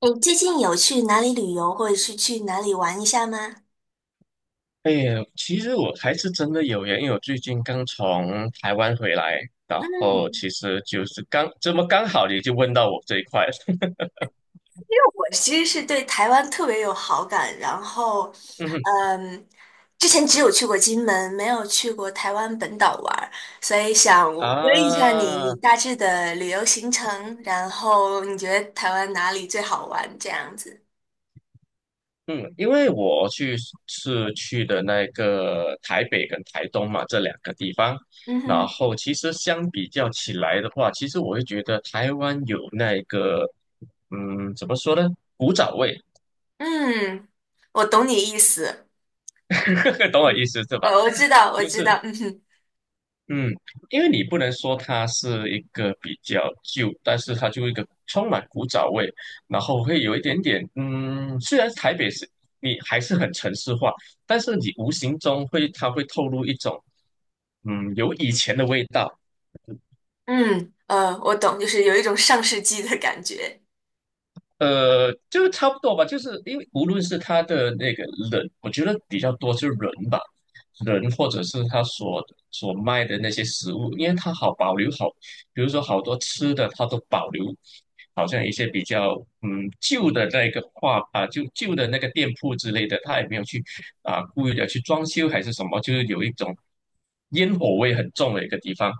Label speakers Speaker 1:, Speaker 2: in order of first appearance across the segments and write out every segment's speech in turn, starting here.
Speaker 1: 你最近有去哪里旅游，或者是去哪里玩一下吗？
Speaker 2: 哎，其实我还是真的有缘，因为我最近刚从台湾回来，然
Speaker 1: 嗯，
Speaker 2: 后其实就是刚这么刚好你就问到我这一块了，
Speaker 1: 我其实是对台湾特别有好感，然后，
Speaker 2: 嗯哼
Speaker 1: 嗯，之前只有去过金门，没有去过台湾本岛玩儿所以想问一下你，你
Speaker 2: 啊。
Speaker 1: 大致的旅游行程，然后你觉得台湾哪里最好玩这样子？
Speaker 2: 嗯，因为是去的那个台北跟台东嘛这两个地方，
Speaker 1: 嗯
Speaker 2: 然
Speaker 1: 哼，
Speaker 2: 后其实相比较起来的话，其实我会觉得台湾有那个，怎么说呢？古早味。
Speaker 1: 嗯，我懂你意思，
Speaker 2: 懂我
Speaker 1: 嗯，
Speaker 2: 意思是吧？
Speaker 1: 我知道，我
Speaker 2: 就
Speaker 1: 知
Speaker 2: 是。
Speaker 1: 道，嗯哼，
Speaker 2: 嗯，因为你不能说它是一个比较旧，但是它就一个充满古早味，然后会有一点点，虽然台北是你还是很城市化，但是你无形中它会透露一种，有以前的味道。
Speaker 1: 嗯，我懂，就是有一种上世纪的感觉。
Speaker 2: 就差不多吧，就是因为无论是他的那个人，我觉得比较多是人吧，人或者是他所卖的那些食物，因为他好保留好，比如说好多吃的他都保留，好像一些比较旧的那个画啊，就旧的那个店铺之类的，他也没有去啊故意的去装修还是什么，就是有一种烟火味很重的一个地方。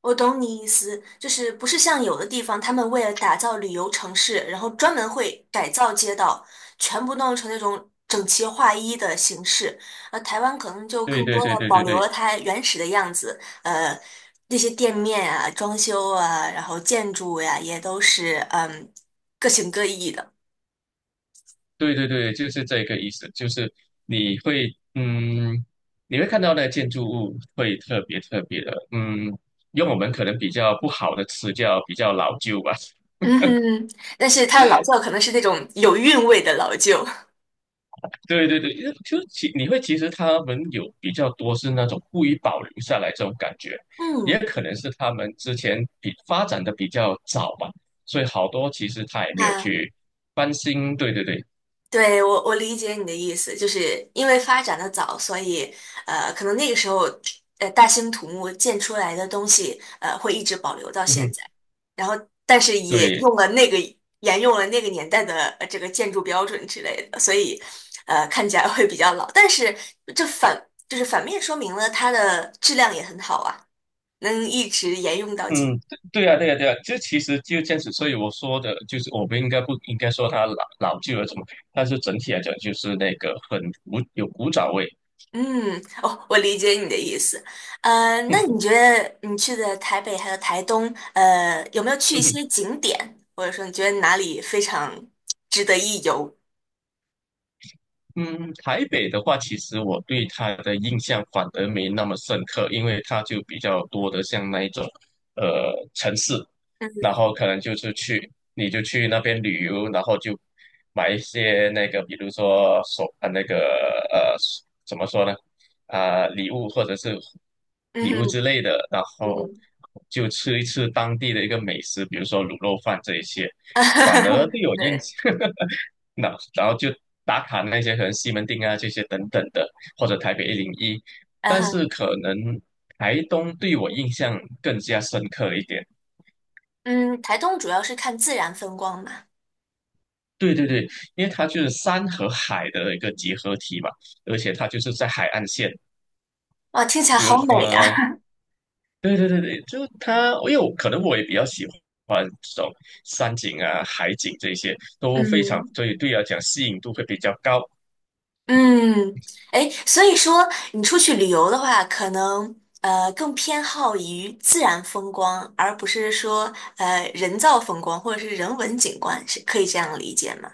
Speaker 1: 我懂你意思，就是不是像有的地方，他们为了打造旅游城市，然后专门会改造街道，全部弄成那种整齐划一的形式。而台湾可能就
Speaker 2: 对
Speaker 1: 更
Speaker 2: 对
Speaker 1: 多
Speaker 2: 对
Speaker 1: 的
Speaker 2: 对
Speaker 1: 保
Speaker 2: 对
Speaker 1: 留了
Speaker 2: 对。
Speaker 1: 它原始的样子，那些店面啊、装修啊，然后建筑呀、也都是嗯各形各异的。
Speaker 2: 对对对，就是这个意思，就是你会，嗯，你会看到那建筑物会特别特别的，用我们可能比较不好的词叫比较老旧吧。
Speaker 1: 嗯哼，但是它的老窖可能是那种有韵味的老旧。
Speaker 2: 对对对，因为就其你会其实他们有比较多是那种故意保留下来这种感觉，也
Speaker 1: 嗯，
Speaker 2: 可能是他们之前发展的比较早嘛，所以好多其实他也没有
Speaker 1: 啊，
Speaker 2: 去翻新。对对对，
Speaker 1: 对，我理解你的意思，就是因为发展的早，所以可能那个时候大兴土木建出来的东西会一直保留到
Speaker 2: 嗯
Speaker 1: 现
Speaker 2: 哼
Speaker 1: 在，然后但是也
Speaker 2: 对，
Speaker 1: 用了那个沿用了那个年代的这个建筑标准之类的，所以看起来会比较老，但是这反就是反面说明了它的质量也很好啊，能一直沿用到今。
Speaker 2: 嗯，对呀，对呀，对呀，这其实就这样子，所以我说的就是，我不应该说它老旧了什么，但是整体来讲，就是那个有古早味。
Speaker 1: 嗯，哦，我理解你的意思。那你 觉得你去的台北还有台东，有没有去一些景点，或者说你觉得哪里非常值得一游？
Speaker 2: 嗯，台北的话，其实我对它的印象反而没那么深刻，因为它就比较多的像那一种，城市，
Speaker 1: 嗯
Speaker 2: 然后可能就是去，你就去那边旅游，然后就买一些那个，比如说手啊那个呃，怎么说呢？啊、礼物或者是
Speaker 1: 嗯
Speaker 2: 礼
Speaker 1: 哼
Speaker 2: 物之类
Speaker 1: 嗯
Speaker 2: 的，然后
Speaker 1: 哼，
Speaker 2: 就吃一吃当地的一个美食，比如说卤肉饭这一些，反而 对我印
Speaker 1: 对，
Speaker 2: 象。那然后就打卡那些可能西门町啊这些等等的，或者台北101，
Speaker 1: 嗯
Speaker 2: 但是
Speaker 1: 哼，
Speaker 2: 可能台东对我印象更加深刻一点。
Speaker 1: 嗯，台东主要是看自然风光嘛。
Speaker 2: 对对对，因为它就是山和海的一个结合体嘛，而且它就是在海岸线，
Speaker 1: 哇，听起来
Speaker 2: 比如
Speaker 1: 好美呀。
Speaker 2: 对对对对，就它，因为我可能我也比较喜欢这种山景啊、海景这些，都非常
Speaker 1: 嗯
Speaker 2: 所以对我来讲吸引度会比较高。
Speaker 1: 嗯，哎，所以说你出去旅游的话，可能更偏好于自然风光，而不是说人造风光或者是人文景观，是可以这样理解吗？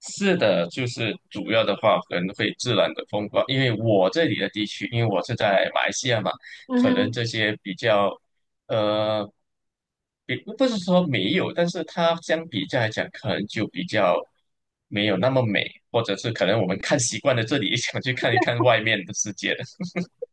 Speaker 2: 是的，就是主要的话可能会自然的风光，因为我这里的地区，因为我是在马来西亚嘛，
Speaker 1: 嗯
Speaker 2: 可能
Speaker 1: 哼。
Speaker 2: 这些比较，呃，比不是说没有，但是它相比较来讲，可能就比较没有那么美，或者是可能我们看习惯了这里，想去看一看外面的世界的。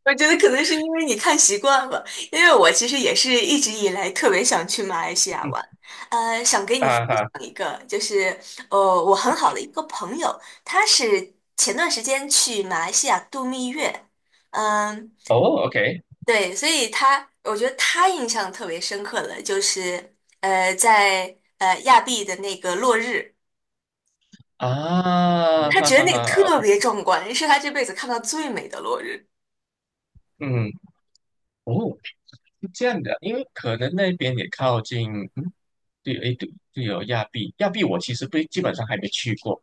Speaker 1: 我觉得可能是因为你看习惯了，因为我其实也是一直以来特别想去马来西亚玩，想给你分
Speaker 2: 哈哈，
Speaker 1: 享一个，就是我很好的一个朋友，他是前段时间去马来西亚度蜜月，嗯。
Speaker 2: 哦，OK，
Speaker 1: 对，所以他，我觉得他印象特别深刻的就是，在亚庇的那个落日，
Speaker 2: 啊，
Speaker 1: 他
Speaker 2: 哈
Speaker 1: 觉得
Speaker 2: 哈
Speaker 1: 那个
Speaker 2: 哈，
Speaker 1: 特别壮观，是他这辈子看到最美的落日。
Speaker 2: 嗯，哦。是这样的，因为可能那边也靠近，嗯，对，诶，对，对哦，有亚庇，亚庇我其实不基本上还没去过，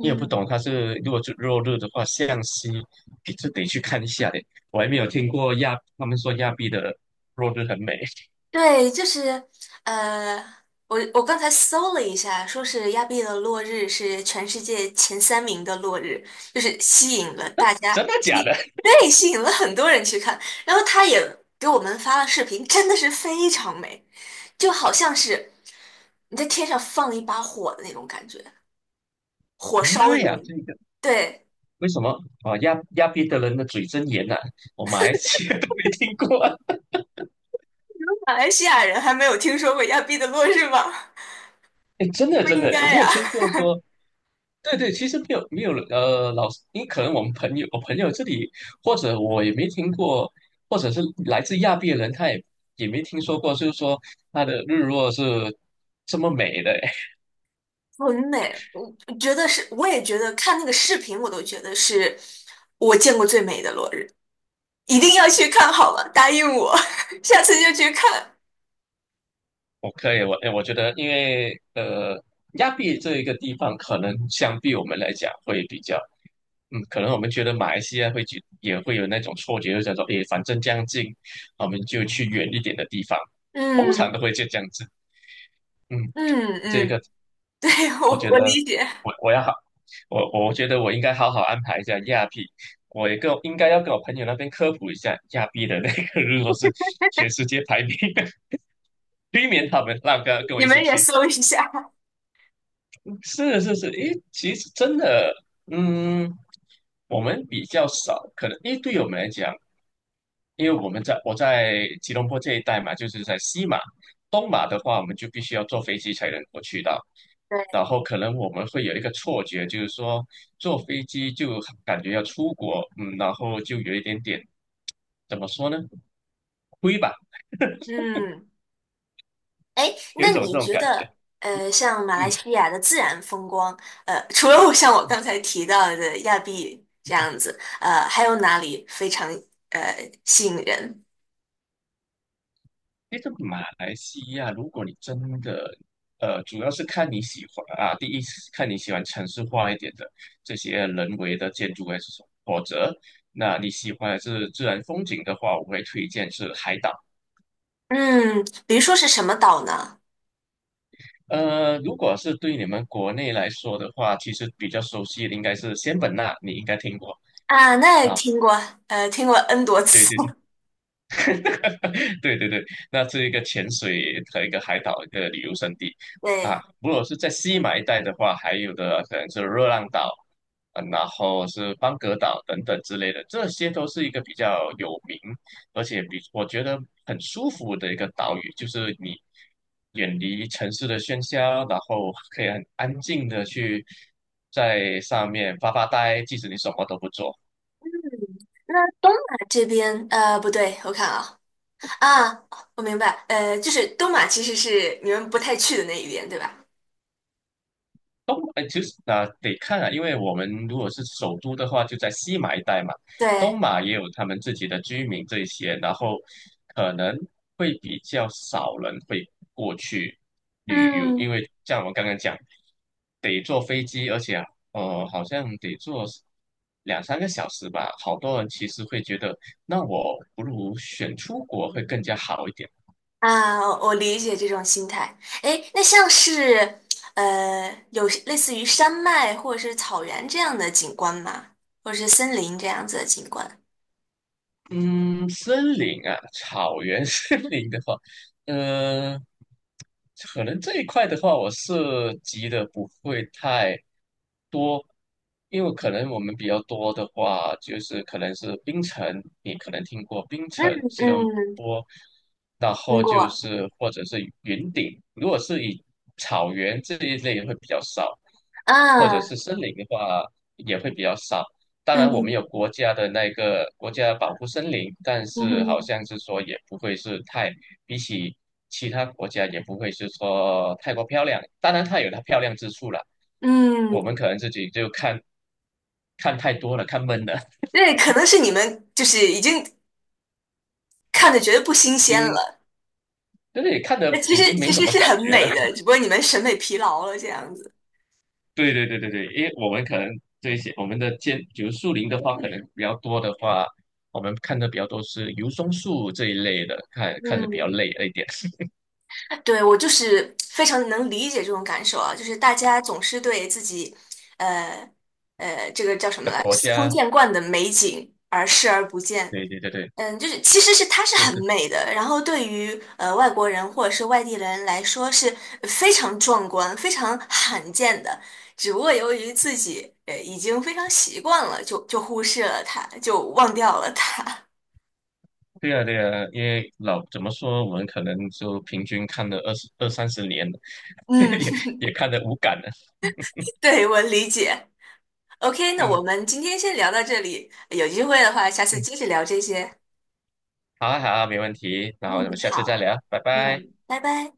Speaker 2: 你也不懂它是如果是落日的话，向西也是得去看一下的，我还没有听过他们说亚庇的落日很美。
Speaker 1: 对，就是呃，我刚才搜了一下，说是亚庇的落日是全世界前三名的落日，就是吸引了大家，
Speaker 2: 真的假
Speaker 1: 吸，
Speaker 2: 的？
Speaker 1: 对，吸引了很多人去看。然后他也给我们发了视频，真的是非常美，就好像是你在天上放一把火的那种感觉，火 烧
Speaker 2: 妈呀，这
Speaker 1: 云。
Speaker 2: 个
Speaker 1: 对，
Speaker 2: 为什么啊？亚庇的人的嘴真严呐、我马来西亚都没听过啊。
Speaker 1: 马来西亚人还没有听说过亚庇的落日吗？
Speaker 2: 诶，真的
Speaker 1: 不
Speaker 2: 真
Speaker 1: 应
Speaker 2: 的，有
Speaker 1: 该
Speaker 2: 没
Speaker 1: 呀、
Speaker 2: 有听过说？对对，其实没有没有老师，因为可能我们朋友，我朋友这里，或者我也没听过，或者是来自亚庇的人，他也没听说过，就是说他的日落是这么美的。
Speaker 1: 很美，我觉得是，我也觉得看那个视频，我都觉得是我见过最美的落日，一定要去看好了，答应我，下次就去看。
Speaker 2: 我可以，我觉得，因为亚庇这一个地方，可能相比我们来讲会比较，可能我们觉得马来西亚会去，也会有那种错觉，就想说，诶，反正将近，我们就去远一点的地方，通常
Speaker 1: 嗯
Speaker 2: 都会就这样子，嗯。
Speaker 1: 嗯
Speaker 2: 这个
Speaker 1: 嗯，对，
Speaker 2: 我
Speaker 1: 我
Speaker 2: 觉
Speaker 1: 我
Speaker 2: 得
Speaker 1: 理解，
Speaker 2: 我要好，我觉得我应该好好安排一下亚庇，我也跟我应该要跟我朋友那边科普一下亚庇的那个，如果是全世界排名，避免他们让跟我
Speaker 1: 你
Speaker 2: 一起
Speaker 1: 们也
Speaker 2: 去。
Speaker 1: 搜一下。
Speaker 2: 是是是，诶，其实真的，嗯，我们比较少，可能因为对我们来讲，因为我们在我在吉隆坡这一带嘛，就是在西马、东马的话，我们就必须要坐飞机才能够去到。
Speaker 1: 对，
Speaker 2: 然后可能我们会有一个错觉，就是说坐飞机就感觉要出国，然后就有一点点怎么说呢，亏吧，
Speaker 1: 嗯，哎，
Speaker 2: 有一
Speaker 1: 那
Speaker 2: 种
Speaker 1: 你
Speaker 2: 这种
Speaker 1: 觉
Speaker 2: 感觉，
Speaker 1: 得，像马来
Speaker 2: 嗯。
Speaker 1: 西亚的自然风光，除了我像我刚才提到的亚庇这样子，还有哪里非常吸引人？
Speaker 2: 因为这马来西亚，如果你真的，主要是看你喜欢啊，第一是看你喜欢城市化一点的这些人为的建筑还是什么，否则，那你喜欢的是自然风景的话，我会推荐是海岛。
Speaker 1: 嗯，比如说是什么岛呢？
Speaker 2: 如果是对你们国内来说的话，其实比较熟悉的应该是仙本那，你应该听过
Speaker 1: 啊，那也
Speaker 2: 啊，
Speaker 1: 听过，听过 N 多
Speaker 2: 对
Speaker 1: 次。
Speaker 2: 对 对对对，那是一个潜水和一个海岛一个旅游胜地啊。
Speaker 1: 对，
Speaker 2: 如果是在西马一带的话，还有的可能是热浪岛，啊，然后是邦格岛等等之类的，这些都是一个比较有名，而且比我觉得很舒服的一个岛屿，就是你远离城市的喧嚣，然后可以很安静的去在上面发发呆，即使你什么都不做。
Speaker 1: 那东马这边，不对，我看啊，啊，我明白，就是东马其实是你们不太去的那一边，对吧？
Speaker 2: 东，哎，其实啊，得看啊，因为我们如果是首都的话，就在西马一带嘛，东
Speaker 1: 对，
Speaker 2: 马也有他们自己的居民这一些，然后可能会比较少人会过去旅游，因
Speaker 1: 嗯，
Speaker 2: 为像我刚刚讲，得坐飞机，而且好像得坐两三个小时吧，好多人其实会觉得，那我不如选出国会更加好一点。
Speaker 1: 啊，我理解这种心态。哎，那像是，有类似于山脉或者是草原这样的景观吗？或者是森林这样子的景观？
Speaker 2: 嗯，森林啊，草原 森林的话，嗯、可能这一块的话，我涉及的不会太多，因为可能我们比较多的话，就是可能是冰城，你可能听过冰城、吉隆
Speaker 1: 嗯，
Speaker 2: 坡，然
Speaker 1: 听
Speaker 2: 后就
Speaker 1: 过，
Speaker 2: 是或者是云顶，如果是以草原这一类会比较少，或者是
Speaker 1: 啊，
Speaker 2: 森林的话也会比较少。当然我们有
Speaker 1: 嗯，
Speaker 2: 国家的那个国家保护森林，但
Speaker 1: 嗯
Speaker 2: 是好
Speaker 1: 哼
Speaker 2: 像是说也不会是太，比起其他国家也不会是说太过漂亮。当然它有它漂亮之处了，我
Speaker 1: 嗯。
Speaker 2: 们可能自己就看太多了，看闷了，
Speaker 1: 对，可能是你们就是已经看的觉得不新鲜了，
Speaker 2: 就是也看
Speaker 1: 那
Speaker 2: 的
Speaker 1: 其
Speaker 2: 已
Speaker 1: 实
Speaker 2: 经没
Speaker 1: 其
Speaker 2: 什
Speaker 1: 实
Speaker 2: 么
Speaker 1: 是
Speaker 2: 感
Speaker 1: 很
Speaker 2: 觉了。
Speaker 1: 美的，只不过你们审美疲劳了这样子。
Speaker 2: 对对对对对，因为我们可能这一些我们的建，比如树林的话，可能比较多的话，我们看的比较多是油松树这一类的，看看的比较
Speaker 1: 嗯
Speaker 2: 累了一点
Speaker 1: 对，我就是非常能理解这种感受啊，就是大家总是对自己，呃这个叫什 么
Speaker 2: 的
Speaker 1: 来，
Speaker 2: 国
Speaker 1: 司空
Speaker 2: 家。
Speaker 1: 见惯的美景而视而不见，
Speaker 2: 对对对对。
Speaker 1: 嗯，就是其实是它是
Speaker 2: 是
Speaker 1: 很
Speaker 2: 是，
Speaker 1: 美的，然后对于外国人或者是外地人来说是非常壮观、非常罕见的。只不过由于自己已经非常习惯了，就忽视了它，就忘掉了它。
Speaker 2: 对啊，对啊，因为老怎么说，我们可能就平均看了二十二三十年了，
Speaker 1: 嗯，
Speaker 2: 也也看得无感了。
Speaker 1: 对，我理解。OK，那我
Speaker 2: 嗯
Speaker 1: 们今天先聊到这里，有机会的话，下次
Speaker 2: 嗯，
Speaker 1: 接着聊这些。
Speaker 2: 好啊，好啊，没问题。然后我
Speaker 1: 嗯，
Speaker 2: 们下次再
Speaker 1: 好，
Speaker 2: 聊，拜拜。
Speaker 1: 嗯，拜拜。